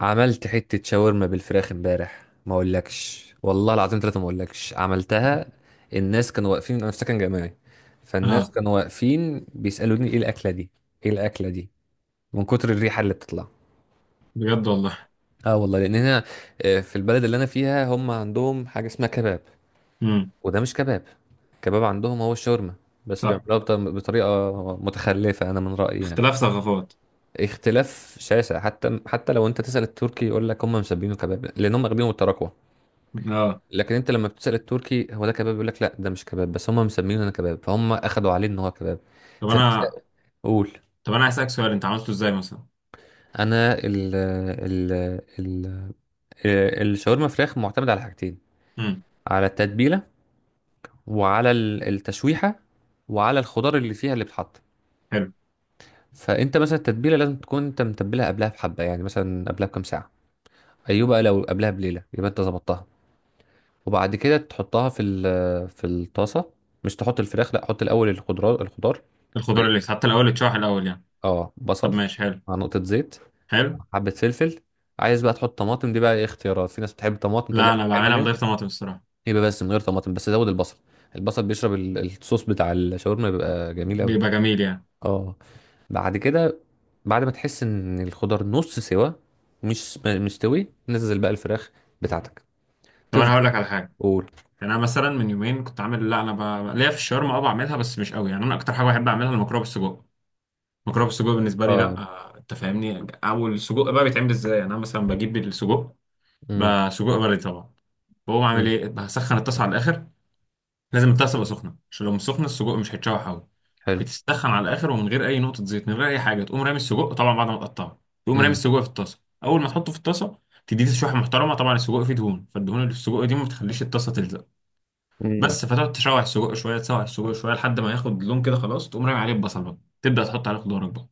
عملت حتة شاورما بالفراخ امبارح ما اقولكش والله العظيم ثلاثة ما اقولكش عملتها. الناس كانوا واقفين، انا في سكن جامعي، فالناس اه، كانوا واقفين بيسألوني ايه الأكلة دي، ايه الأكلة دي من كتر الريحة اللي بتطلع. بجد والله. اه والله، لأن هنا في البلد اللي انا فيها هم عندهم حاجة اسمها كباب، امم. وده مش كباب. كباب عندهم هو الشاورما، بس صح. بيعملوها بطريقة متخلفة انا من رأيي يعني. اختلاف ثقافات. اختلاف شاسع. حتى لو انت تسأل التركي يقول لك هم مسمينه كباب لان هم واخدينه بالتراكوة، اه. لكن انت لما بتسأل التركي هو ده كباب يقول لك لا، ده مش كباب، بس هم مسمينه انا كباب، فهم اخدوا عليه ان هو كباب. طب انا فبقول طب انا هسألك سؤال، انت عملته ازاي مثلا؟ انا ال الشاورما فراخ معتمد على حاجتين: امم. على التتبيله، وعلى التشويحه، وعلى الخضار اللي فيها اللي بتحط. حلو. فانت مثلا التتبيله لازم تكون انت متبلها قبلها بحبه، يعني مثلا قبلها بكام ساعه. ايوه، بقى لو قبلها بليله يبقى انت ظبطتها. وبعد كده تحطها في الطاسه. مش تحط الفراخ، لا، حط الاول الخضار الخضار. الخضار اللي حتى الاول اتشرح الاول يعني. اه، طب بصل ماشي، حلو. مع نقطة زيت، حلو. مع حبة فلفل. عايز بقى تحط طماطم دي بقى ايه اختيارات، في ناس بتحب الطماطم تقول لا، لك انا حلوة بعملها من عليها. غير طماطم الصراحه. يبقى بس من غير طماطم، بس زود البصل. البصل بيشرب الصوص بتاع الشاورما، بيبقى جميل قوي. بيبقى جميل يعني. اه. بعد كده، بعد ما تحس ان الخضار نص سوا، مش م- مستوي، نزل بقى الفراخ بتاعتك. طب انا تفضل، هقول لك على حاجه. قول. يعني انا مثلا من يومين كنت عامل، لا انا ليا في الشاورما، اه بعملها بس مش قوي يعني. انا اكتر حاجه بحب اعملها المكرونه بالسجق. المكرونه بالسجق بالنسبه لي، لا اه. انت فاهمني. اول السجق بقى بيتعمل ازاي؟ يعني انا مثلا بجيب السجق، امم. بسجق بلدي طبعا. بقوم عامل امم. ايه؟ بسخن الطاسه على الاخر. لازم البتاع تبقى سخنه، عشان لو مش سخنه السجق مش هيتشوح قوي. حلو. بتسخن على الاخر، ومن غير اي نقطه زيت، من غير اي حاجه، تقوم رامي السجق طبعا بعد ما تقطعه. تقوم رامي امم. السجق في الطاسه. اول ما تحطه في الطاسه تديه تشويحه محترمه. طبعا السجق فيه دهون، فالدهون اللي في السجق دي ما بتخليش الطاسه تلزق. امم. بس، فتقعد تشوح السجق شويه، تسوح السجق شويه لحد ما ياخد لون كده. خلاص تقوم رامي عليه البصل بقى. تبدا تحط عليه خضارك بقى.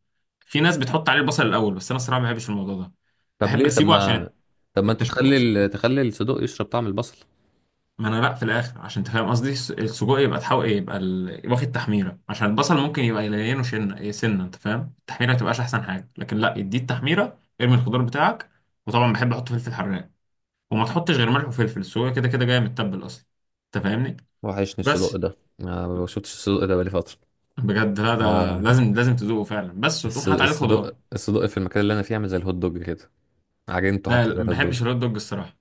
في ناس بتحط عليه البصل الاول، بس انا الصراحه ما بحبش الموضوع ده. طب بحب ليه؟ طب اسيبه ما، عشان طب ما انت التشويح. تخلي تخلي الصدوق يشرب طعم البصل. ما انا لا في الاخر، عشان انت فاهم قصدي، السجق يبقى تحاول يبقى واخد تحميره، عشان البصل ممكن يبقى يلينه. شنه إيه سنه، انت فاهم؟ التحميره ما تبقاش احسن حاجه، لكن لا، اديه التحميره، ارمي الخضار بتاعك. وطبعا بحب احط فلفل حراق، وما تحطش غير ملح وفلفل، السجق كده كده جاي متبل اصلا، انت فاهمني. وحشني الصدق بس ده، ما بشوفش الصدق ده بقالي فترة. بجد لا، ده آه. لازم لازم تذوقه فعلا، بس وتقوم حاطط عليه الصدق خضار. الصدق في المكان اللي أنا فيه عامل زي الهوت دوج كده، عجنته حتى زي ما الهوت دوج. ما بحبش الهوت دوج الصراحه.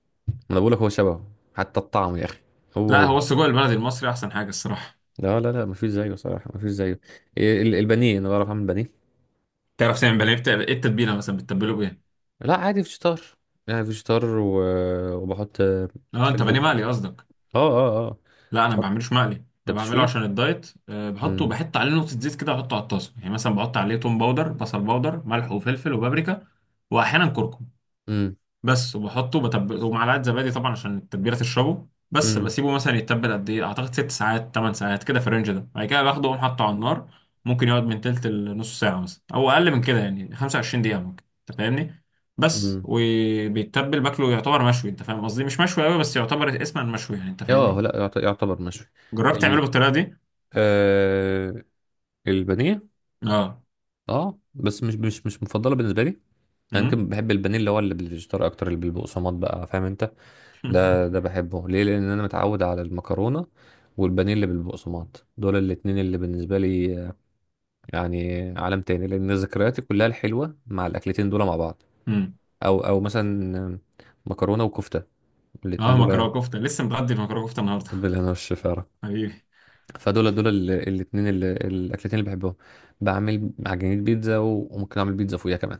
أنا بقولك هو شبهه حتى الطعم يا أخي، هو لا، هو. هو السجق البلدي المصري احسن حاجه الصراحه. لا لا لا، مفيش زيه صراحة، مفيش زيه. إيه، البانيه أنا بعرف أعمل بانيه. تعرف تعمل بانيه؟ ايه التتبيله مثلا؟ بتتبله بايه؟ لا عادي، فيجيتار يعني، فيجيتار وبحط اه، انت بانيه فلفل. مقلي قصدك. اه اه اه. لا انا ما بحط. بعملوش مقلي، أنت انا بعمله بتشويه؟ عشان الدايت. أه بحطه، امم. بحط عليه نقطه زيت كده، احطه على الطاسه، يعني مثلا بحط عليه توم باودر، بصل باودر، ملح وفلفل وبابريكا، واحيانا كركم امم. بس. وبحطه ومعلقه زبادي طبعا، عشان التتبيله تشربه. بس امم. بسيبه مثلا يتبل قد ايه؟ اعتقد ست ساعات، ثمان ساعات كده في الرينج ده. بعد كده باخده واقوم حاطه على النار. ممكن يقعد من تلت لنص ساعه مثلا، او اقل من كده، يعني 25 دقيقه ممكن، انت فاهمني. بس امم. وبيتبل، باكله يعتبر مشوي. انت فاهم قصدي، مش مشوي قوي، بس يعتبر اسما مشوي يعني، انت اه، فاهمني. لا يعتبر مشوي. جربت تعمله ال... بالطريقه دي؟ آه... البانيه. اه. اه بس مش مفضله بالنسبه لي. انا امم. يمكن بحب البانيه اللي هو اللي بالفيجيتار اكتر، اللي بالبقسماط بقى، فاهم انت. ده ده بحبه ليه؟ لان انا متعود على المكرونه، والبانيه اللي بالبقسماط، دول الاتنين بالنسبه لي يعني عالم تاني، لان ذكرياتي كلها الحلوه مع الاكلتين دول مع بعض. امم. او مثلا مكرونه وكفته، الاتنين اه، دول، مكرونه كفته، لسه متغدي مكرونه كفته النهارده. بالهنا والشفاره. حبيبي. فدول دول الاتنين اللي الاكلتين اللي بحبهم. بعمل عجينه بيتزا، وممكن اعمل بيتزا فوقيها كمان.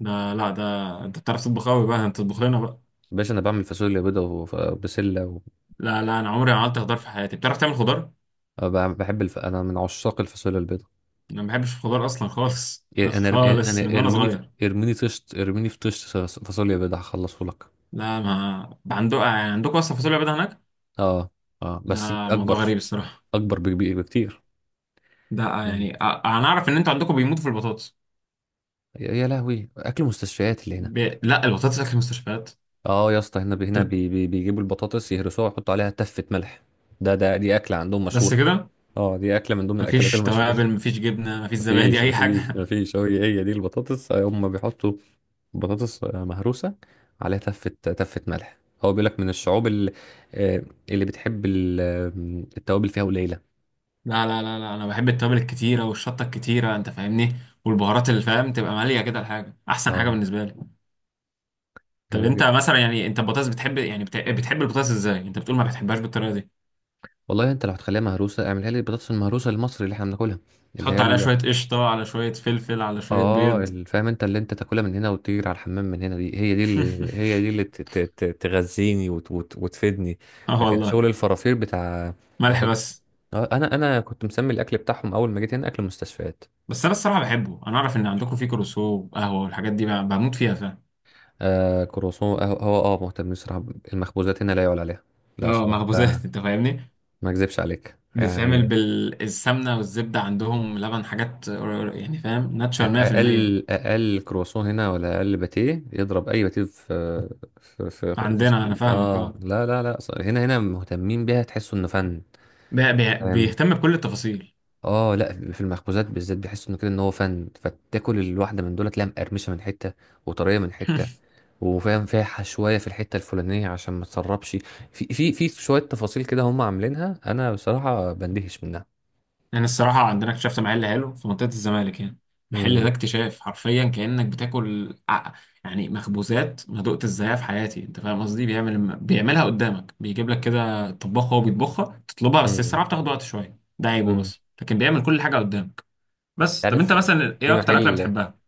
ده لا ده انت بتعرف تطبخ قوي بقى، انت تطبخ لنا بقى. باشا انا بعمل فاصوليا بيضه وبسله لا لا، انا عمري ما عملت خضار في حياتي. بتعرف تعمل خضار؟ بحب انا من عشاق الفاصوليا البيضه. انا ما بحبش الخضار اصلا خالص إيه، انا خالص، من وانا ارميني صغير. ارميني طشت، ارميني في طشت فاصوليا بيضه هخلصه لك. لا، ما ده عندكم اصلا فاصوليا بيضاء هناك؟ اه. اه ده بس موضوع اكبر، غريب الصراحه. اكبر بكبير بكتير. يعني، انا اعرف ان انتوا عندكم بيموتوا في البطاطس. يا يا لهوي، اكل مستشفيات اللي هنا. لا، البطاطس اكل المستشفيات. اه يا اسطى، هنا طب بيجيبوا البطاطس يهرسوها ويحطوا عليها تفه ملح. ده دي اكله عندهم مشهوره. بس كده؟ اه دي اكله من ضمن الاكلات مفيش المشهوره. توابل، مفيش جبنه، مفيش زبادي، مفيش اي مفيش حاجه؟ مفيش هو هي دي البطاطس هم بيحطوا بطاطس مهروسة عليها تفة ملح. هو بيقول لك من الشعوب اللي، اللي بتحب التوابل فيها قليلة. لا لا لا لا، انا بحب التوابل الكتيره والشطه الكتيره، انت فاهمني. والبهارات اللي فاهم، تبقى ماليه كده الحاجه، احسن حاجه اه، بالنسبه لي. طب جامد انت جدا. مثلا يعني انت البطاطس بتحب، يعني بتحب البطاطس ازاي؟ انت بتقول ما بتحبهاش بالطريقه دي. والله انت لو هتخليها مهروسة اعملها لي، البطاطس المهروسة المصري اللي احنا بناكلها، اللي هي تحط عليها شويه قشطه، على شويه فلفل، على شويه اه بيض. فاهم انت، اللي انت تاكلها من هنا وتطير على الحمام من هنا، دي هي، دي اللي هي، دي اللي تغذيني وتفيدني. اه لكن والله. شغل الفرافير بتاع، ملح بس. انا كنت مسمي الاكل بتاعهم اول ما جيت هنا اكل مستشفيات. بس انا الصراحه بحبه. انا اعرف ان عندكم في كروسو وقهوه والحاجات دي، بموت فيها، فاهم. آه كروسون، هو اه مهتم بصراحه، المخبوزات هنا لا يعلى عليها. لا اه صراحه لا، مخبوزات، انت فاهمني. ما اكذبش عليك بتتعمل يعني. بالسمنه والزبده، عندهم لبن، حاجات يعني، فاهم، أ- ناتشورال 100%. اقل اقل كروسون هنا ولا اقل باتيه يضرب اي باتيه في في عندنا، انا اسكندريه. فاهمك اه اه. لا لا لا، هنا مهتمين بيها، تحسوا انه فن. فاهم؟ بيهتم بكل التفاصيل. اه، لا في المخبوزات بالذات بيحسوا انه كده ان هو فن، فتاكل الواحده من دول تلاقيها مقرمشه من حته وطريه من حته، وفاهم فيها شويه في الحته الفلانيه عشان ما تسربش. في شويه تفاصيل كده هم عاملينها، انا بصراحه بندهش منها. يعني الصراحه عندنا اكتشفت محل حلو في منطقه الزمالك، يعني المحل ده امم. اكتشاف، حرفيا كانك بتاكل يعني مخبوزات ما دقت ازايها في حياتي، انت فاهم قصدي. بيعملها قدامك، بيجيب لك كده طباخ هو بيطبخها، تطلبها بس امم. الصراحه بتاخد وقت شويه، ده عيبه، امم. بس لكن بيعمل كل حاجه قدامك. بس طب انت عارف، مثلا في ايه اكتر اكله محل، بتحبها؟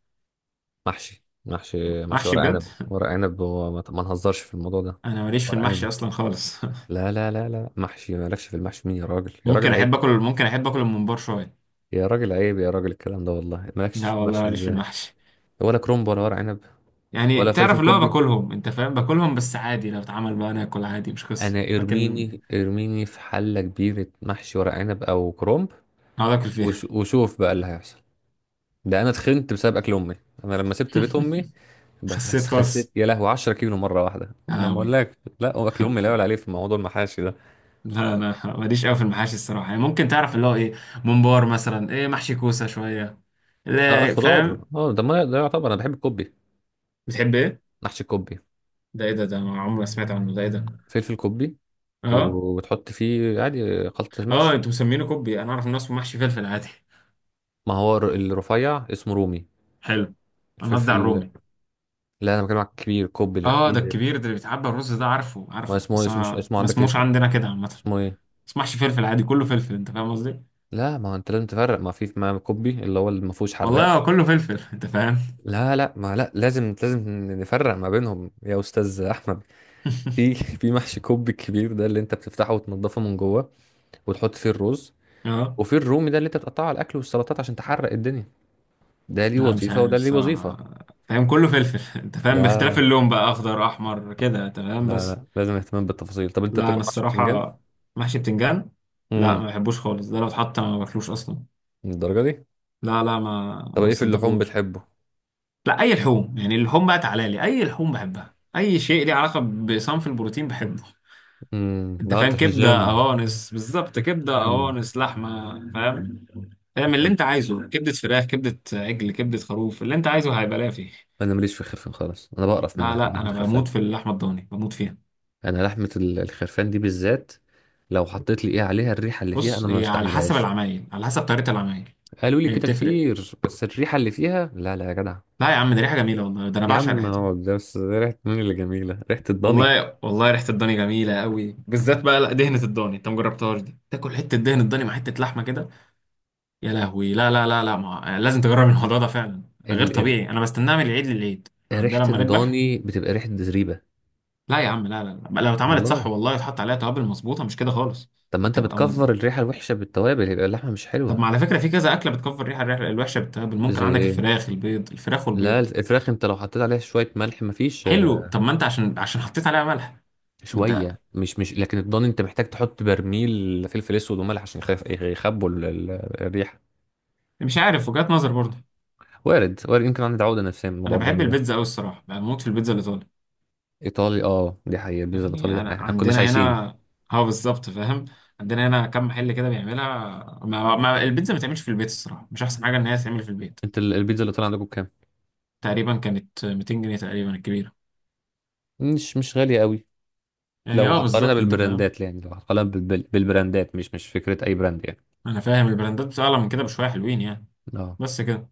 محشي محشي محشي؟ ورق بجد؟ عنب، ورق عنب، هو ما نهزرش في الموضوع ده. انا ماليش في ورق عنب. المحشي اصلا خالص. لا لا لا لا محشي، مالكش في المحشي؟ مين يا راجل، يا راجل عيب، ممكن احب اكل الممبار شويه. يا راجل عيب، يا راجل الكلام ده والله، مالكش لا في والله المحشي ماليش في ازاي؟ المحشي. ولا كرومب ولا ورق عنب يعني ولا فلفل تعرف اللي هو كوبي. باكلهم، انت فاهم، باكلهم بس عادي، لو اتعمل بقى انا اكل عادي مش قصه، انا لكن ارميني، ارميني في حله كبيره محشي ورق عنب او كرومب اقعد اكل فيها. وشوف بقى اللي هيحصل. ده انا اتخنت بسبب اكل امي. انا لما سبت بيت امي خسيت خسيت، خالص. يا لهوي، 10 كيلو مره واحده. يا ما لهوي. بقولك لا، هو اكل امي لا يعلى عليه في موضوع المحاشي ده. لا انا ماليش قوي في المحاشي الصراحه. يعني ممكن تعرف اللي هو ايه، ممبار مثلا، ايه محشي كوسه شويه. اه لا الخضار، فاهم. اه ده ما ده يعتبر، انا بحب الكوبي، بتحب ايه؟ محشي الكوبي. ده ايه ده؟ ده أنا عمري ما سمعت عنه. ده ايه ده؟ فلفل كوبي، اه. و- وتحط فيه عادي خلطه اه المحشي. انتوا مسمينه كوبي، انا اعرف ان هو اسمه محشي فلفل عادي. ما هو الرفيع اسمه رومي، حلو. انا قصدي على الفلفل. الرومي. لا انا بكلمك كبير، كوبي اللي اه ده كبير. الكبير، ده اللي بيتعبى الرز. ده عارفه ما عارفه، اسمه إيه؟ بس اسمه، مش ما اسمه ما عندك إيه؟ اسموش اسمه، عندنا كده عامه. اسمه ايه؟ تسمحش، فلفل عادي كله فلفل، انت فاهم قصدي. لا ما هو انت لازم تفرق، ما في ما كوبي اللي هو اللي ما فيهوش حراق. والله هو كله فلفل. انت فاهم. لا لا ما لا، لازم لازم نفرق ما بينهم يا استاذ احمد. في في محشي كوب الكبير ده اللي انت بتفتحه وتنضفه من جوه وتحط فيه الرز، اه وفي الرومي ده اللي انت بتقطعه على الاكل والسلطات عشان تحرق الدنيا. ده ليه لا مش وظيفه عارف وده ليه وظيفه. الصراحة، فاهم كله فلفل. انت فاهم، باختلاف لا اللون بقى، اخضر احمر كده، انت فاهم لا بس. لا، لازم اهتمام بالتفاصيل. طب انت لا بتاكل انا محشي بتنجان؟ الصراحة. محشي بتنجان؟ لا امم. ما بحبوش خالص، ده لو اتحط ما باكلوش اصلا. الدرجه دي؟ لا لا، ما طب ما ايه في اللحوم بستلطفوش. بتحبه؟ لا اي لحوم يعني، اللحوم بقى تعالى لي، اي لحوم بحبها، اي شيء ليه علاقة بصنف البروتين بحبه. امم. انت لا انت فاهم، في كبدة الجيم. قوانص، بالظبط كبدة امم. قوانص لحمة فاهم. اعمل اللي بتحب، انت عايزه، كبدة فراخ، كبدة عجل، كبدة خروف، اللي انت عايزه هيبقى لا فيه. انا ماليش في الخرفان خالص، انا بقرف من لا ناحيه، من لا، ناحيه انا الخرفان. بموت في اللحمة الضاني، بموت فيها. انا لحمه الخرفان دي بالذات لو حطيت لي ايه عليها، الريحه اللي فيها بص، انا ما هي على حسب بستحملهاش. العمايل، على حسب طريقة العمايل، قالوا لي هي كده بتفرق. كتير، بس الريحه اللي فيها لا لا يا جدع. لا يا عم، دي ريحة جميلة والله، ده انا يا بعشق عم ريحتها. هو ده بس، ريحه مين اللي جميله، ريحه الضاني؟ والله والله ريحة الضاني جميلة قوي. بالذات بقى لا دهنة الضاني، انت مجربتهاش دي؟ تاكل حتة دهن الضاني مع حتة لحمة كده. يا لهوي. لا لا لا لا لازم تجرب الموضوع ده فعلا. غير ال... ال- طبيعي. انا بستناه من العيد للعيد، احنا ريحه عندنا لما نذبح. الضاني بتبقى ريحه زريبه. لا يا عم، لا لا لا، لو اتعملت صح والله. والله، يتحط عليها توابل مظبوطه، مش كده خالص. طب ما انت بتبقى مز... بتكفر الريحه الوحشه بالتوابل، يبقى اللحمه مش حلوه. طب ما على فكره في كذا اكله بتكفر الريحه، الريحه الوحشه بالتوابل. ممكن زي عندك ايه؟ الفراخ، البيض، الفراخ لا والبيض. الفراخ انت لو حطيت عليها شويه ملح مفيش، حلو. طب ما انت عشان حطيت عليها ملح. ما انت. شويه، مش لكن الضاني انت محتاج تحط برميل فلفل اسود وملح عشان يخبوا الريحه. مش عارف، وجهات نظر برضه. وارد، وارد، يمكن عندي عقدة نفسية من انا موضوع بحب الضن ده. البيتزا قوي الصراحه، يعني بموت في البيتزا الايطالي. إيطالي، اه دي حقيقة، البيتزا الإيطالي دي، يعني انا احنا كناش عندنا عايشين. هنا، اه بالظبط فاهم، عندنا هنا كم محل كده بيعملها. ما البيتزا ما تعملش في البيت الصراحه، مش احسن حاجه ان هي تتعمل في البيت. انت البيتزا الإيطالي عندكم بكام؟ تقريبا كانت 200 جنيه تقريبا الكبيره، مش مش غالية قوي. يعني لو اه هقارنها بالظبط انت فاهم. بالبراندات، يعني لو هقارنها بالبراندات، مش مش فكرة أي براند يعني. انا فاهم البراندات اعلى من كده بشويه، حلوين يعني. اه. بس كده.